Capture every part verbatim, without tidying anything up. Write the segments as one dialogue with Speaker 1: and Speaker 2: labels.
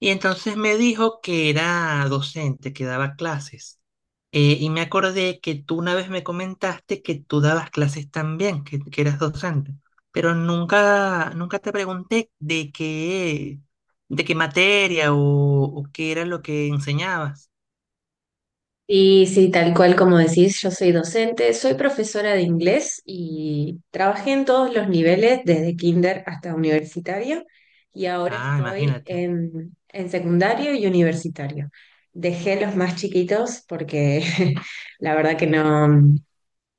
Speaker 1: Y entonces me dijo que era docente, que daba clases. Eh, y me acordé que tú una vez me comentaste que tú dabas clases también, que, que eras docente, pero nunca, nunca te pregunté de qué, de qué materia o, o qué era lo que enseñabas.
Speaker 2: Sí, sí, tal cual como decís, yo soy docente, soy profesora de inglés y trabajé en todos los niveles, desde kinder hasta universitario, y ahora
Speaker 1: Ah,
Speaker 2: estoy
Speaker 1: imagínate.
Speaker 2: en, en secundario y universitario. Dejé los más chiquitos porque la verdad que no,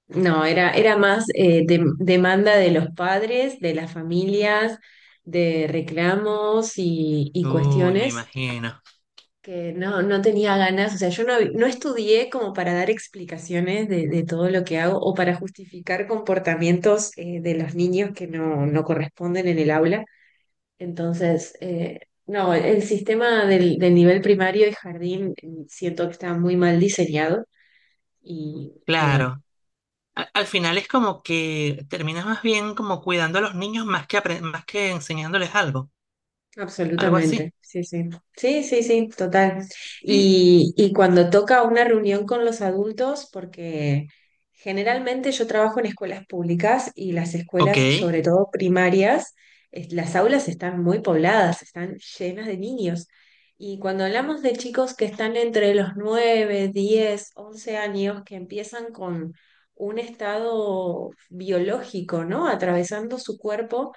Speaker 2: no, era, era más eh, de- demanda de los padres, de las familias, de reclamos y y
Speaker 1: Uy, me
Speaker 2: cuestiones
Speaker 1: imagino.
Speaker 2: que no, no tenía ganas, o sea, yo no, hab- no estudié como para dar explicaciones de, de todo lo que hago o para justificar comportamientos eh, de los niños que no, no corresponden en el aula. Entonces, eh, no, el sistema del, del nivel primario y jardín eh, siento que está muy mal diseñado y, y bueno.
Speaker 1: Claro. A- al final es como que terminas más bien como cuidando a los niños más que, apren- más que enseñándoles algo, algo así.
Speaker 2: Absolutamente, sí, sí. Sí, sí, sí, total.
Speaker 1: Sí,
Speaker 2: Y, y cuando toca una reunión con los adultos, porque generalmente yo trabajo en escuelas públicas y las
Speaker 1: ok.
Speaker 2: escuelas, sobre todo primarias, es- las aulas están muy pobladas, están llenas de niños. Y cuando hablamos de chicos que están entre los nueve diez once años, que empiezan con un estado biológico, ¿no? Atravesando su cuerpo.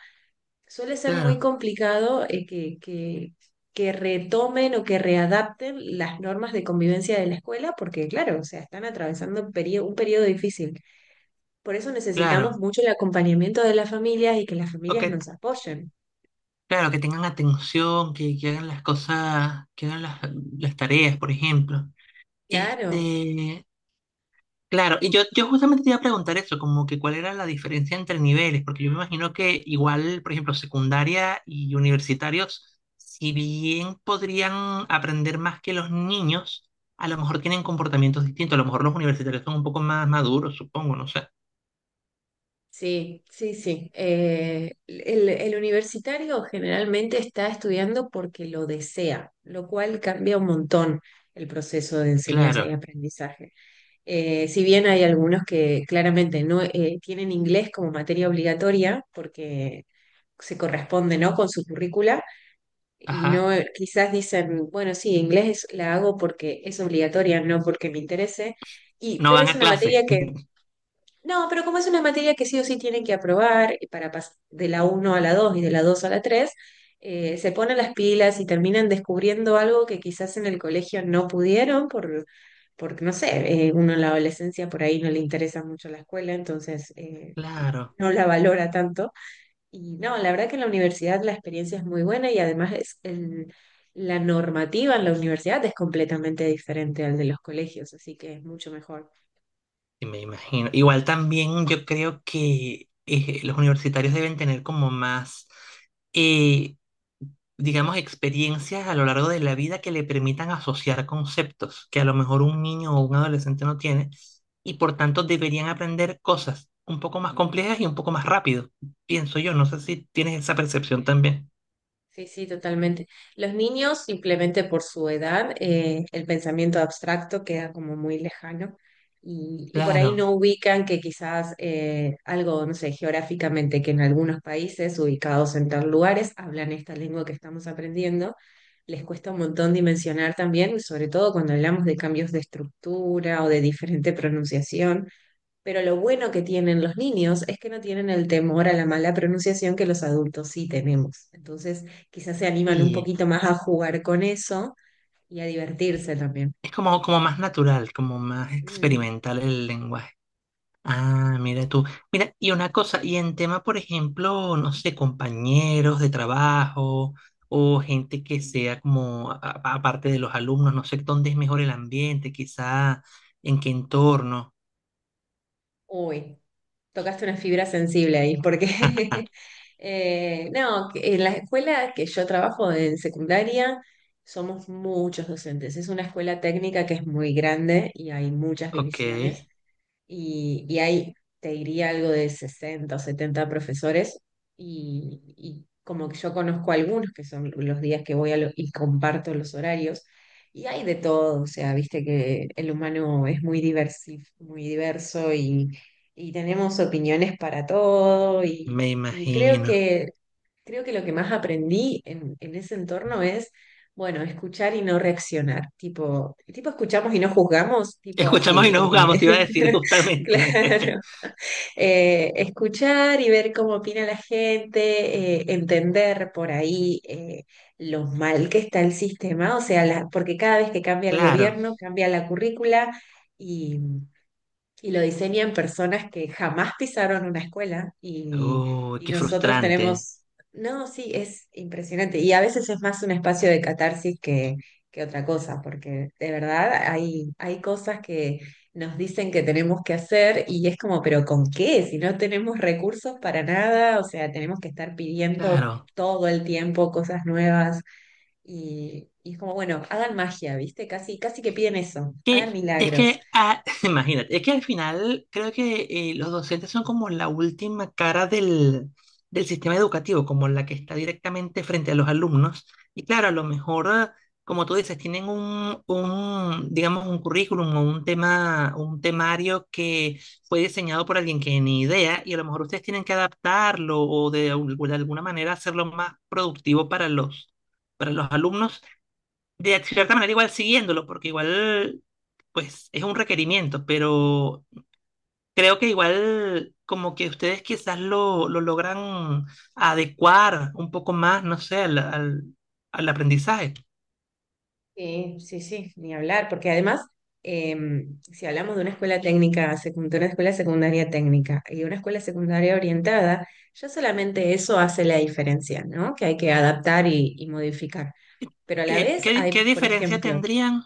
Speaker 2: Suele ser muy
Speaker 1: Claro,
Speaker 2: complicado eh, que, que, que retomen o que readapten las normas de convivencia de la escuela, porque claro, o sea, están atravesando un período un periodo difícil. Por eso necesitamos
Speaker 1: claro.
Speaker 2: mucho el acompañamiento de las familias y que las familias
Speaker 1: Ok,
Speaker 2: nos apoyen.
Speaker 1: claro, que tengan atención, que, que hagan las cosas, que hagan las, las tareas, por ejemplo.
Speaker 2: Claro,
Speaker 1: Este, claro, y yo, yo justamente te iba a preguntar eso, como que cuál era la diferencia entre niveles, porque yo me imagino que igual, por ejemplo, secundaria y universitarios, si bien podrían aprender más que los niños, a lo mejor tienen comportamientos distintos, a lo mejor los universitarios son un poco más maduros, supongo, no sé.
Speaker 2: sí, sí, sí. Eh, el, el universitario generalmente está estudiando porque lo desea, lo cual cambia un montón el proceso de enseñanza y
Speaker 1: Claro,
Speaker 2: aprendizaje. Eh, si bien hay algunos que claramente no eh, tienen inglés como materia obligatoria, porque se corresponde, ¿no? con su currícula, y
Speaker 1: ajá,
Speaker 2: no eh, quizás dicen, bueno, sí, inglés la hago porque es obligatoria, no porque me interese, y,
Speaker 1: no
Speaker 2: pero
Speaker 1: van
Speaker 2: es
Speaker 1: a
Speaker 2: una materia
Speaker 1: clase.
Speaker 2: que no, pero como es una materia que sí o sí tienen que aprobar y para pas- de la uno a la dos y de la dos a la tres, eh, se ponen las pilas y terminan descubriendo algo que quizás en el colegio no pudieron por, porque no sé, eh, uno en la adolescencia por ahí no le interesa mucho la escuela, entonces eh,
Speaker 1: Claro.
Speaker 2: no la valora tanto. Y no, la verdad que en la universidad la experiencia es muy buena y además es el- la normativa en la universidad es completamente diferente al de los colegios, así que es mucho mejor.
Speaker 1: Sí, me imagino. Igual también yo creo que eh, los universitarios deben tener como más, eh, digamos, experiencias a lo largo de la vida que le permitan asociar conceptos que a lo mejor un niño o un adolescente no tiene y por tanto deberían aprender cosas un poco más complejas y un poco más rápido, pienso yo. No sé si tienes esa percepción también.
Speaker 2: Sí, sí, totalmente. Los niños, simplemente por su edad, eh, el pensamiento abstracto queda como muy lejano y, y por
Speaker 1: Claro,
Speaker 2: ahí no ubican que quizás eh, algo, no sé, geográficamente, que en algunos países ubicados en tal lugares hablan esta lengua que estamos aprendiendo, les cuesta un montón dimensionar también, sobre todo cuando hablamos de cambios de estructura o de diferente pronunciación. Pero lo bueno que tienen los niños es que no tienen el temor a la mala pronunciación que los adultos sí tenemos. Entonces, quizás se animan un
Speaker 1: y
Speaker 2: poquito más a jugar con eso y a divertirse también.
Speaker 1: es como, como más natural, como más
Speaker 2: Mm.
Speaker 1: experimental el lenguaje. Ah, mira
Speaker 2: Sí.
Speaker 1: tú. Mira, y una cosa, y en tema, por ejemplo, no sé, compañeros de trabajo o gente que sea como, a- a- aparte de los alumnos, no sé dónde es mejor el ambiente, quizá en qué entorno.
Speaker 2: Uy, tocaste una fibra sensible ahí, porque eh, no, que en la escuela que yo trabajo en secundaria somos muchos docentes. Es una escuela técnica que es muy grande y hay muchas
Speaker 1: Ok,
Speaker 2: divisiones. Y, y hay, te diría algo de sesenta o setenta profesores, y, y como que yo conozco algunos que son los días que voy a lo- y comparto los horarios, y hay de todo, o sea, viste que el humano es muy diversi- muy diverso y, y tenemos opiniones para todo y,
Speaker 1: me
Speaker 2: y creo
Speaker 1: imagino.
Speaker 2: que Creo que lo que más aprendí en, en ese entorno es, bueno, escuchar y no reaccionar. Tipo, tipo escuchamos y no juzgamos, tipo
Speaker 1: Escuchamos
Speaker 2: así.
Speaker 1: y no
Speaker 2: eh,
Speaker 1: juzgamos, te iba a decir justamente.
Speaker 2: claro. Eh, escuchar y ver cómo opina la gente, eh, entender por ahí eh, lo mal que está el sistema, o sea, la- porque cada vez que cambia el
Speaker 1: Claro.
Speaker 2: gobierno, cambia la currícula y lo diseñan personas que jamás pisaron una escuela y,
Speaker 1: Uy,
Speaker 2: y
Speaker 1: qué
Speaker 2: nosotros
Speaker 1: frustrante.
Speaker 2: tenemos, no, sí, es impresionante. Y a veces es más un espacio de catarsis que, que otra cosa, porque de verdad hay, hay cosas que nos dicen que tenemos que hacer y es como, pero ¿con qué? Si no tenemos recursos para nada, o sea, tenemos que estar pidiendo
Speaker 1: Claro.
Speaker 2: todo el tiempo cosas nuevas y, y es como, bueno, hagan magia, ¿viste? Casi, casi que piden eso,
Speaker 1: Que
Speaker 2: hagan
Speaker 1: es
Speaker 2: milagros.
Speaker 1: que, ah, imagínate, es que al final creo que eh, los docentes son como la última cara del, del sistema educativo, como la que está directamente frente a los alumnos. Y claro, a lo mejor, ah, como tú dices, tienen un, un, digamos, un currículum o un tema, un temario que fue diseñado por alguien que ni idea, y a lo mejor ustedes tienen que adaptarlo o de, al- de alguna manera hacerlo más productivo para los, para los alumnos de cierta manera igual siguiéndolo, porque igual, pues es un requerimiento, pero creo que igual como que ustedes quizás lo, lo logran adecuar un poco más, no sé, al, al, al aprendizaje.
Speaker 2: Sí, sí, sí, ni hablar, porque además, em, si hablamos de una escuela técnica, secu- de una escuela secundaria técnica y una escuela secundaria orientada, ya solamente eso hace la diferencia, ¿no? Que hay que adaptar y, y modificar. Pero a la
Speaker 1: ¿Qué,
Speaker 2: vez
Speaker 1: qué,
Speaker 2: hay,
Speaker 1: qué
Speaker 2: por
Speaker 1: diferencia
Speaker 2: ejemplo,
Speaker 1: tendrían?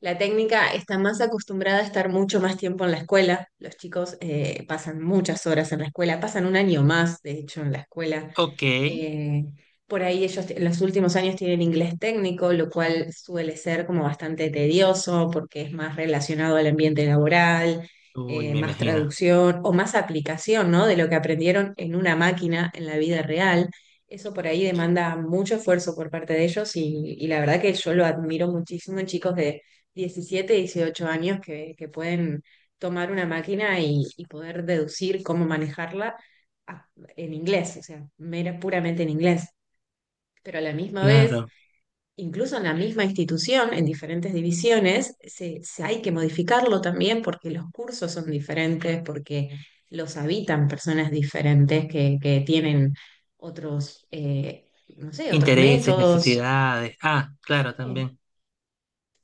Speaker 2: la técnica está más acostumbrada a estar mucho más tiempo en la escuela. Los chicos eh, pasan muchas horas en la escuela, pasan un año más, de hecho, en la escuela.
Speaker 1: Ok,
Speaker 2: Eh, por ahí ellos en los últimos años tienen inglés técnico, lo cual suele ser como bastante tedioso porque es más relacionado al ambiente laboral,
Speaker 1: uy,
Speaker 2: eh,
Speaker 1: me
Speaker 2: más
Speaker 1: imagino.
Speaker 2: traducción o más aplicación, ¿no? De lo que aprendieron en una máquina en la vida real. Eso por ahí demanda mucho esfuerzo por parte de ellos y, y la verdad que yo lo admiro muchísimo en chicos de diecisiete, dieciocho años que, que pueden tomar una máquina y, y poder deducir cómo manejarla a- en inglés, o sea, mera, puramente en inglés. Pero a la misma vez,
Speaker 1: Claro.
Speaker 2: incluso en la misma institución, en diferentes divisiones, se, se hay que modificarlo también porque los cursos son diferentes, porque los habitan personas diferentes que, que tienen otros, eh, no sé, otros
Speaker 1: Intereses,
Speaker 2: métodos.
Speaker 1: necesidades. Ah, claro,
Speaker 2: Sí,
Speaker 1: también.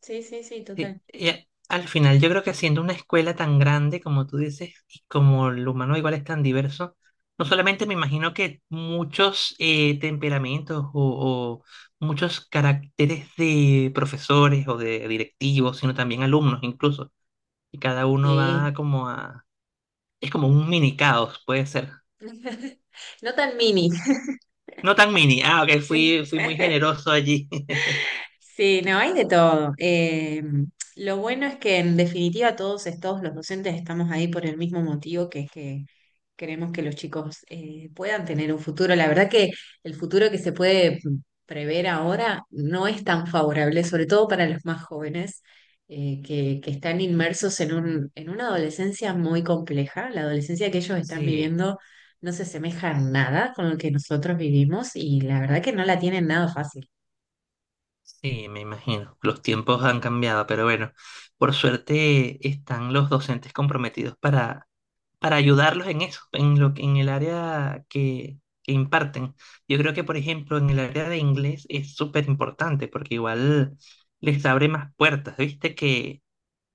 Speaker 2: sí, sí, sí,
Speaker 1: Sí,
Speaker 2: total.
Speaker 1: y a- al final yo creo que siendo una escuela tan grande como tú dices y como el humano igual es tan diverso, no solamente me imagino que muchos eh, temperamentos o, o muchos caracteres de profesores o de directivos, sino también alumnos incluso, y cada uno va
Speaker 2: Sí.
Speaker 1: como a... es como un mini caos, puede ser.
Speaker 2: No tan mini.
Speaker 1: No tan mini, ah, ok, fui, fui muy generoso allí.
Speaker 2: Sí, no, hay de todo. Eh, lo bueno es que en definitiva todos, es- todos los docentes estamos ahí por el mismo motivo, que es que queremos que los chicos eh, puedan tener un futuro. La verdad que el futuro que se puede prever ahora no es tan favorable, sobre todo para los más jóvenes, eh, que, que están inmersos en un, en una adolescencia muy compleja. La adolescencia que ellos están
Speaker 1: Sí.
Speaker 2: viviendo no se asemeja en nada con lo que nosotros vivimos y la verdad que no la tienen nada fácil.
Speaker 1: Sí, me imagino. Los tiempos han cambiado, pero bueno, por suerte están los docentes comprometidos para, para ayudarlos en eso, en lo, que- en el área que, que imparten. Yo creo que, por ejemplo, en el área de inglés es súper importante porque igual les abre más puertas. Viste que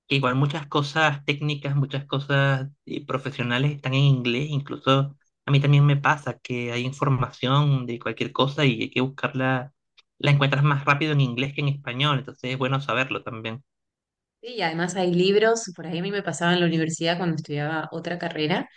Speaker 1: igual muchas cosas técnicas, muchas cosas eh, profesionales están en inglés, incluso a mí también me pasa que hay información de cualquier cosa y hay que buscarla, la encuentras más rápido en inglés que en español, entonces es bueno saberlo también.
Speaker 2: Sí, y además hay libros, por ahí a mí me pasaba en la universidad cuando estudiaba otra carrera,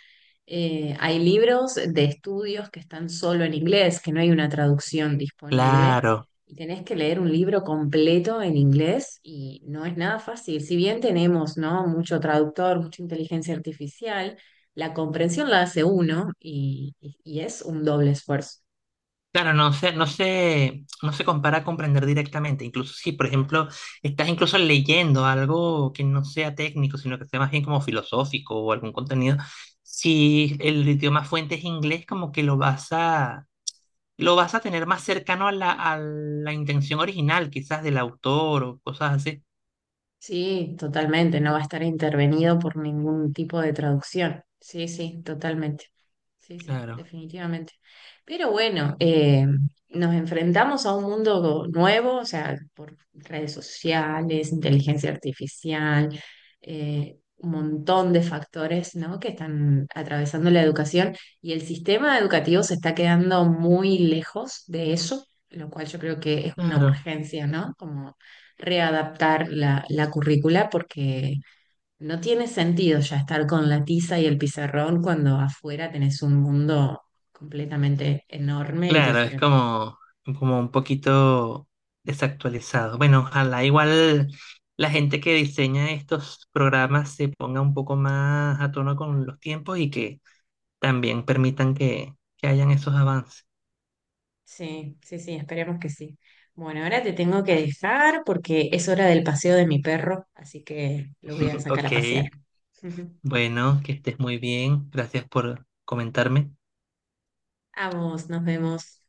Speaker 2: eh, hay libros de estudios que están solo en inglés, que no hay una traducción disponible,
Speaker 1: Claro,
Speaker 2: y tenés que leer un libro completo en inglés y no es nada fácil. Si bien tenemos, ¿no? mucho traductor, mucha inteligencia artificial, la comprensión la hace uno y, y y es un doble esfuerzo.
Speaker 1: claro, no se, no se, no se compara a comprender directamente, incluso si, por ejemplo, estás incluso leyendo algo que no sea técnico, sino que sea más bien como filosófico o algún contenido, si el idioma fuente es inglés, como que lo vas a lo vas a tener más cercano a la, a la intención original, quizás del autor o cosas así.
Speaker 2: Sí, totalmente, no va a estar intervenido por ningún tipo de traducción. Sí, sí, totalmente. Sí, sí,
Speaker 1: Claro,
Speaker 2: definitivamente. Pero bueno, eh, nos enfrentamos a un mundo nuevo, o sea, por redes sociales, inteligencia artificial, eh, un montón de factores, ¿no? que están atravesando la educación y el sistema educativo se está quedando muy lejos de eso, lo cual yo creo que es una
Speaker 1: claro,
Speaker 2: urgencia, ¿no? Como readaptar la, la currícula porque no tiene sentido ya estar con la tiza y el pizarrón cuando afuera tenés un mundo completamente enorme y
Speaker 1: claro, es
Speaker 2: diferente.
Speaker 1: como, como un poquito desactualizado. Bueno, ojalá igual la gente que diseña estos programas se ponga un poco más a tono con los tiempos y que también permitan que, que hayan esos avances.
Speaker 2: Sí, sí, sí, esperemos que sí. Bueno, ahora te tengo que dejar porque es hora del paseo de mi perro, así que lo voy a sacar
Speaker 1: Ok,
Speaker 2: a pasear.
Speaker 1: bueno, que estés muy bien. Gracias por comentarme.
Speaker 2: A vos, nos vemos.